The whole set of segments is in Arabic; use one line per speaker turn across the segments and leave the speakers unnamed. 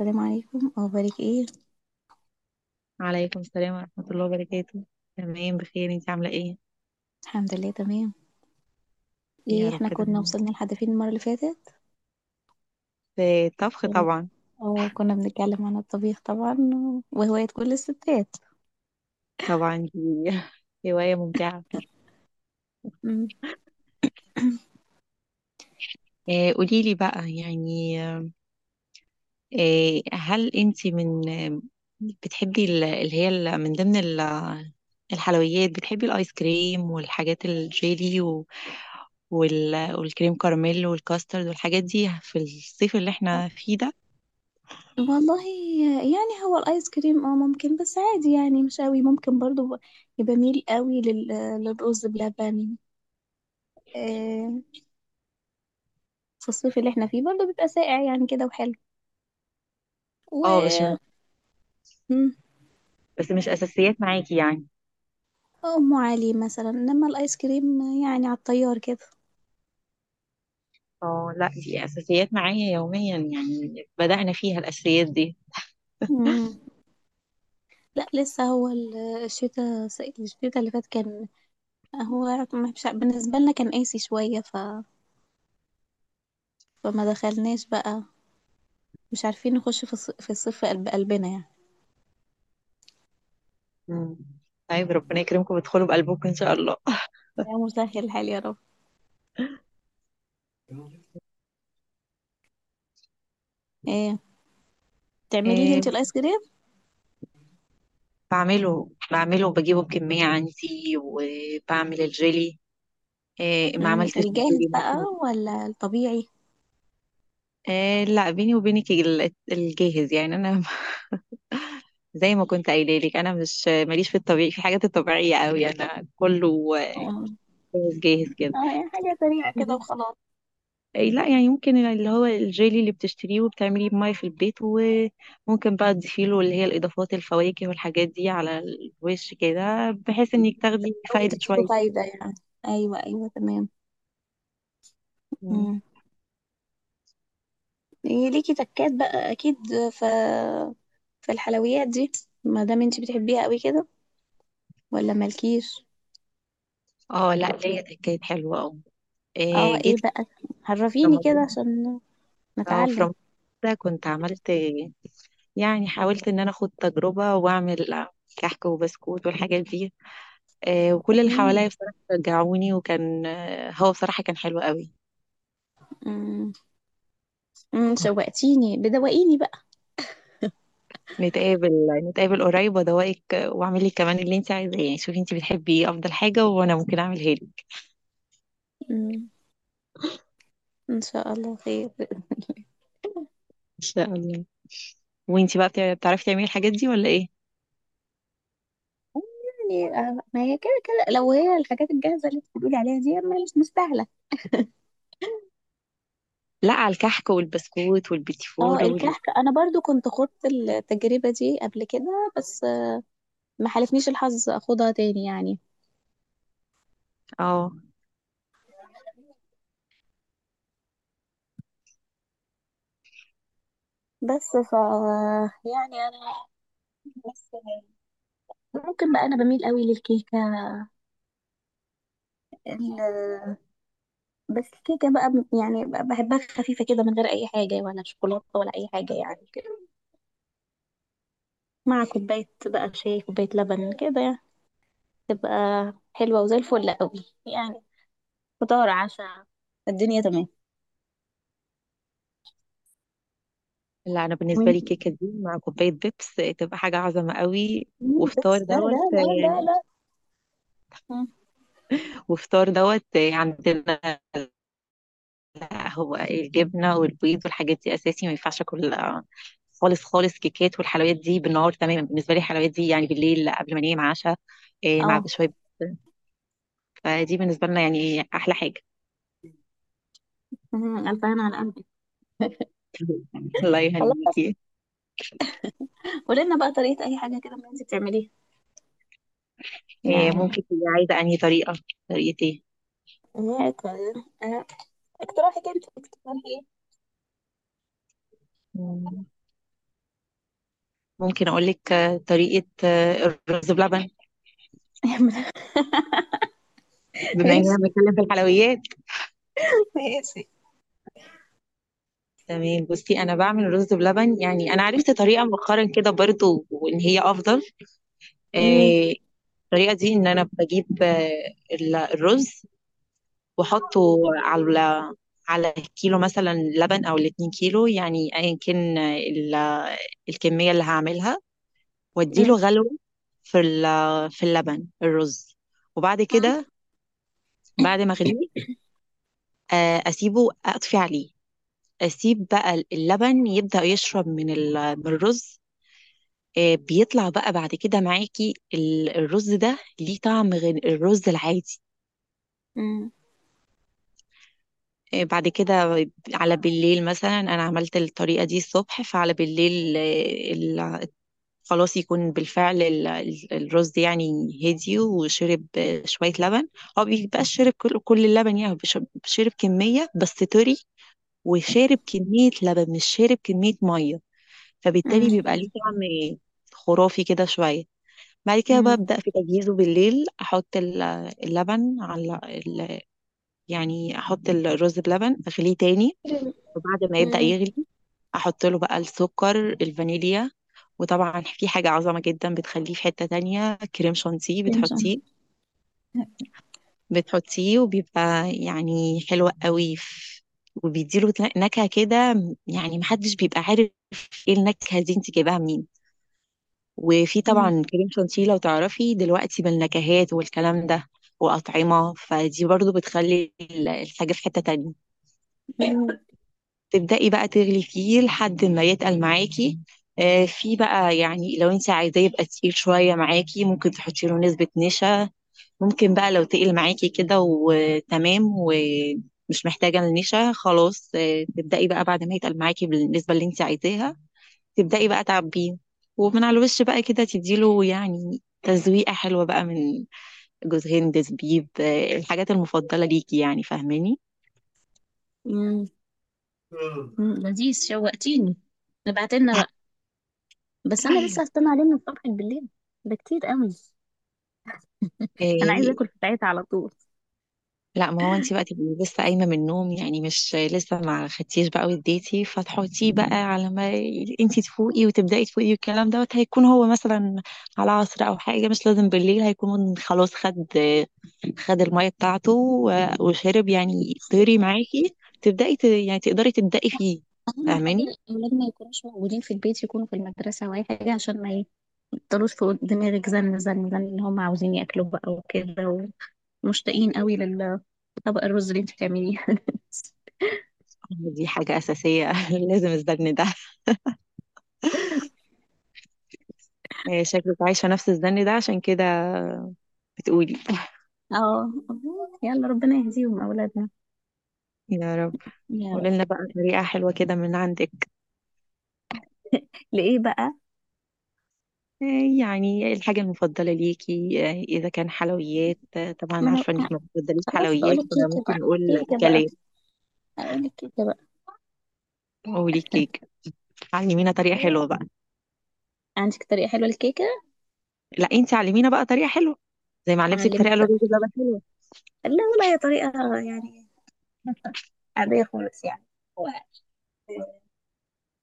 السلام عليكم، أخبارِك إيه؟
وعليكم السلام ورحمة الله وبركاته. تمام، بخير. انتي عاملة ايه؟
الحمد لله تمام.
يا
إيه
رب
إحنا كنا
دايما.
وصلنا لحد فين المرّة اللي فاتت؟
في الطبخ
آآ
طبعا.
كنا بنتكلّم عن الطبيخ طبعًا وهواية كل الستّات.
طبعا دي هواية ممتعة.
إمم.
آه قولي لي بقى يعني. آه هل انتي من آه، بتحبي ال- اللي هي ال- من ضمن ال- الحلويات بتحبي الايس كريم والحاجات الجيلي والكريم كراميل والكاسترد والحاجات دي في الصيف اللي احنا فيه ده.
والله، يعني هو الآيس كريم ممكن، بس عادي يعني مش أوي، ممكن برضه باميل أوي للرُز بلبن. آآ في الصيف اللي إحنا فيه برضه بيبقى ساقع يعني كده وحلو و،
اه، بس
إمم،
بس مش اساسيات معاكي يعني.
أم علي مثلًا، إنّما الآيس كريم يعني على الطيّار كده.
اه لا، دي اساسيات معايا يوميا، يعني بدأنا فيها الاساسيات دي.
إمم. لا، لسه هو الشتاء الشتاء اللي فات كان هو مش ع- بالنسبة لنا كان قاسي شوية، فما دخلناش بقى. مش عارفين نخش في الصيف، في قلب قلبنا يعني.
مم. طيب ربنا يكرمكم وتدخلوا بقلبكم ان شاء الله.
يا مسهل الحال يا رب. ايه، تعمليه
إيه،
انت الايس كريم؟
بعمله وبجيبه بكمية عندي، وبعمل الجيلي. إيه، ما
مم،
عملتش
الجاهز
الجيلي
بقى
ممكن.
ولا الطبيعي؟
إيه، لا، بيني وبينك الجاهز يعني انا زي ما كنت قايله لك، انا مش ماليش في الطبيعي، في حاجات الطبيعيه قوي، انا كله
اه.
جاهز جاهز كده.
يعني حاجة سريعة كده وخلاص.
إيه، لا يعني ممكن اللي هو الجيلي اللي بتشتريه وبتعمليه بمية في البيت، وممكن بقى تضيفيله اللي هي الإضافات، الفواكه والحاجات دي على الوش كده، بحيث إنك تاخدي
بتحاولي
فايدة
تديله
شوية.
فايدة يعني. ايوه، ايوه، تمام.
مم.
مم. إيه ليكي تكات بقى اكيد في في الحلويات دي، ما دام انت بتحبيها قوي كده ولا مالكيش؟
اه لا، ليا، ده كانت حلوة اه.
اه،
إيه،
ايه
جيت
بقى،
في
عرفيني كده
رمضان.
عشان
اه، في
نتعلم.
رمضان ده كنت عملت، يعني حاولت إن أنا أخد تجربة وأعمل كحك وبسكوت والحاجات دي. إيه، وكل اللي
امم
حواليا بصراحة شجعوني، وكان هو بصراحة كان حلو قوي.
امم أمم، شوقتيني بدوقيني بقى.
نتقابل نتقابل قريب وادوقك، واعمل لك كمان اللي انت عايزاه، يعني شوفي انت بتحبي ايه افضل حاجه وانا ممكن اعملها لك ان
امم ان شاء الله خير.
شاء الله. وانت بقى بتعرفي تعملي الحاجات دي ولا ايه؟
يعني ما هي كده كده، لو هي الحاجات الجاهزه اللي بتقولي عليها دي ما مش مستاهله.
لا، على الكحك والبسكوت والبيتي
اه،
فور وال...
الكحك انا برضو كنت خدت التجربه دي قبل كده، بس ما حالفنيش الحظ اخدها تاني يعني.
اه
بس ف، يعني انا بس، ممكن بقى انا بميل قوي للكيكه. بس الكيكة بقى يعني بحبها خفيفة كده من غير أي حاجة، ولا شوكولاتة ولا أي حاجة يعني كده، مع كوباية بقى شاي، كوباية لبن كده يعني، تبقى حلوة وزي الفل قوي يعني. فطار، عشاء، الدنيا تمام.
لا، انا بالنسبه لي
وانتي.
كيكه دي مع كوبايه بيبس تبقى حاجه عظمه قوي.
مم،
وفطار
بس لا،
دوت
لا، لا، لا، لا. مم.
وفطار دوت عندنا. لا هو إيه، الجبنة والبيض والحاجات دي أساسي، ما ينفعش أكل خالص خالص كيكات والحلويات دي بالنهار. تماما بالنسبة لي الحلويات دي يعني بالليل قبل ما أنام عشاء، مع
اه.
بشوية. فدي بالنسبة لنا يعني أحلى حاجة.
مم، ألف هنا على قلبك.
الله
خلاص،
يهنيكي.
قولي بقى طريقة أي حاجة كده من اللي انتي بتعمليه يعني.
ممكن تبقي عايزة أنهي طريقة. طريقة إيه؟
كويس. آه، اقتراحك انت، اقتراحي ايه؟
مم، ممكن أقول لك طريقة الرز بلبن، بما إننا
ماشي،
بنتكلم في الحلويات.
ماشي.
تمام بصي، أنا بعمل رز بلبن، يعني أنا عرفت طريقة مؤخرا كده برضو وإن هي أفضل.
مم،
آه، الطريقه دي ان انا بجيب الرز، واحطه على كيلو مثلا لبن او الاتنين كيلو، يعني ايا كان الكميه اللي هعملها، واديله
مم،
غلو في اللبن الرز. وبعد
مم،
كده، بعد ما اغليه اسيبه، اطفي عليه، اسيب بقى اللبن يبدأ يشرب من الرز. بيطلع بقى بعد كده معاكي الرز ده ليه طعم غير الرز العادي.
مم.
إيه، بعد كده على بالليل مثلا انا عملت الطريقه دي الصبح، فعلى بالليل إيه، خلاص يكون بالفعل الرز يعني هدي وشرب شويه لبن. هو بيبقاش شرب كل اللبن، يعني هو شرب كميه بس طري، وشارب كميه لبن مش شارب كميه ميه. فبالتالي بيبقى
مم.
ليه طعم خرافي كده شويه. بعد كده
مم.
ببدأ في تجهيزه بالليل، أحط اللبن يعني أحط الرز بلبن، أغليه تاني، وبعد ما يبدأ
مم.
يغلي احط له بقى السكر، الفانيليا. وطبعا في حاجة عظمة جدا بتخليه في حتة تانية، كريم شانتيه،
كريم سمر.
بتحطيه
مم.
بتحطيه وبيبقى يعني حلو قوي. وبيديله نكهة كده، يعني محدش بيبقى عارف ايه النكهة دي انت جايباها منين. وفي طبعا كريم شانتيه لو تعرفي دلوقتي بالنكهات والكلام ده، وأطعمة، فدي برضو بتخلي الحاجة في حتة تانية.
مم.
تبدأي بقى تغلي فيه لحد ما يتقل معاكي. في بقى يعني لو انت عايزاه يبقى تقيل شوية معاكي، ممكن تحطي له نسبة نشا. ممكن بقى لو تقل معاكي كده وتمام، ومش محتاجة النشا خلاص، تبدأي بقى بعد ما يتقل معاكي بالنسبة اللي انت عايزاها، تبدأي بقى تعبيه، ومن على الوش بقى كده تديله يعني تزويقة حلوة بقى من جوز هند، زبيب، الحاجات المفضلة ليكي، يعني فاهماني.
مم. مم. لذيذ، شوقتيني، ابعت لنا بقى. بس انا لسه هستنى عليه من الصبح بالليل؟ ده كتير قوي. انا عايزه
آه،
اكل في ساعتها على طول.
لا ما هو انت بقى تبقي لسه قايمه من النوم، يعني مش لسه ما خدتيش بقى وديتي، فتحطيه بقى على ما انت تفوقي وتبداي تفوقي، والكلام دوت هيكون هو مثلا على عصر او حاجه، مش لازم بالليل، هيكون خلاص، خد الميه بتاعته و- وشرب، يعني طيري معاكي يعني تقدري تبداي فيه.
اهم حاجه
فاهماني.
الاولاد ما يكونوش موجودين في البيت، يكونوا في المدرسه او اي حاجه، عشان ما يفضلوش فوق دماغك زن زن زن، ان هم عاوزين ياكلوا بقى وكده، ومشتاقين قوي للطبق الرز اللي انت بتعمليه.
دي حاجه اساسيه. لازم الزن ده. شكلك عايشه نفس الزن ده عشان كده بتقولي.
اه، يلا ربنا يهديهم اولادنا.
يا رب.
يا
قولي
رب.
لنا بقى طريقه حلوه كده من عندك.
لايه بقى؟
آه، يعني الحاجة المفضلة ليكي، إذا كان حلويات، طبعا
ما
عارفة
انا
إنك ما بتفضليش
خلاص
حلويات،
بقولك كيكة بقى،
فممكن نقول
كيكة بقى،
أكلات.
هقولك كيكة بقى.
قولي كيك، علمينا طريقة
إيه؟
حلوة بقى.
عندك طريقة حلوة للكيكة؟
لا أنت علمينا بقى طريقة حلوة، زي ما علمتك
أعلمك
طريقة للرز
بقى.
بلبن حلوة.
لا والله، هي طريقة يعني عادية خالص يعني. هو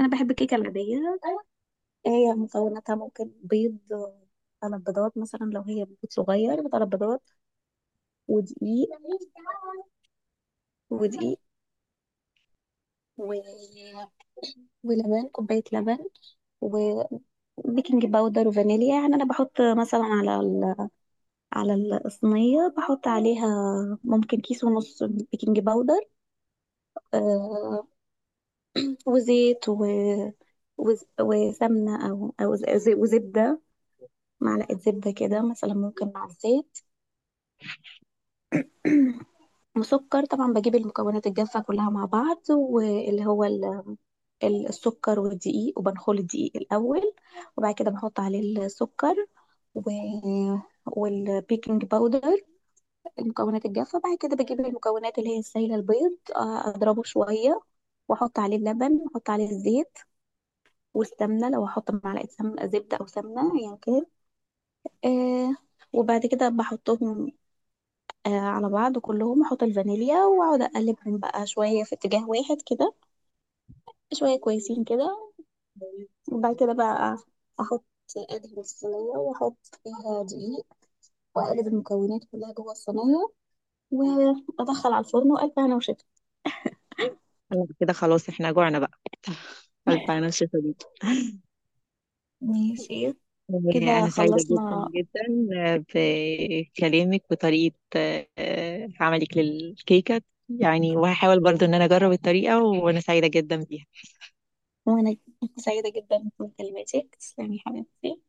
أنا بحب الكيكة العادية. هي مكوناتها ممكن بيض، 3 بيضات مثلا، لو هي بيض صغير 3 بيضات، ودقيق ودقيق و... ولبن، كوباية لبن، وبيكنج باودر وفانيليا. يعني أنا بحط مثلا على ال على الصينية، بحط عليها ممكن كيس ونص بيكنج باودر، آه وزيت وسمنة، أو وزبدة، معلقة زبدة كده مثلا ممكن مع الزيت. وسكر طبعا. بجيب المكونات الجافة كلها مع بعض، واللي هو السكر والدقيق، وبنخل الدقيق الأول، وبعد كده بحط عليه السكر و... والبيكنج باودر، المكونات الجافة. بعد كده بجيب المكونات اللي هي السائلة، البيض، أضربه شوية، وأحط عليه اللبن وأحط عليه الزيت والسمنة، لو هحط معلقة سمنة زبدة أو سمنة أيا كان. آه وبعد كده بحطهم على بعض كلهم، أحط الفانيليا، وأقعد أقلبهم بقى شوية في اتجاه واحد كده، شوية كويسين كده. وبعد كده بقى أحط، أدهن الصينية وأحط فيها دقيق، وأقلب المكونات كلها جوه الصينية، وأدخل على الفرن، وألف هنا وشفا.
أنا كده خلاص، إحنا جوعنا بقى. ألف، أنا شايفة بيك.
ماشي، كده
أنا سعيدة جدا
خلصنا.
جدا بكلامك وطريقة عملك للكيكة، يعني وهحاول برضو إن أنا أجرب الطريقة، وأنا سعيدة جدا بيها.
وأنا سعيدة جدا بمكالمتك، تسلمي حبيبتي.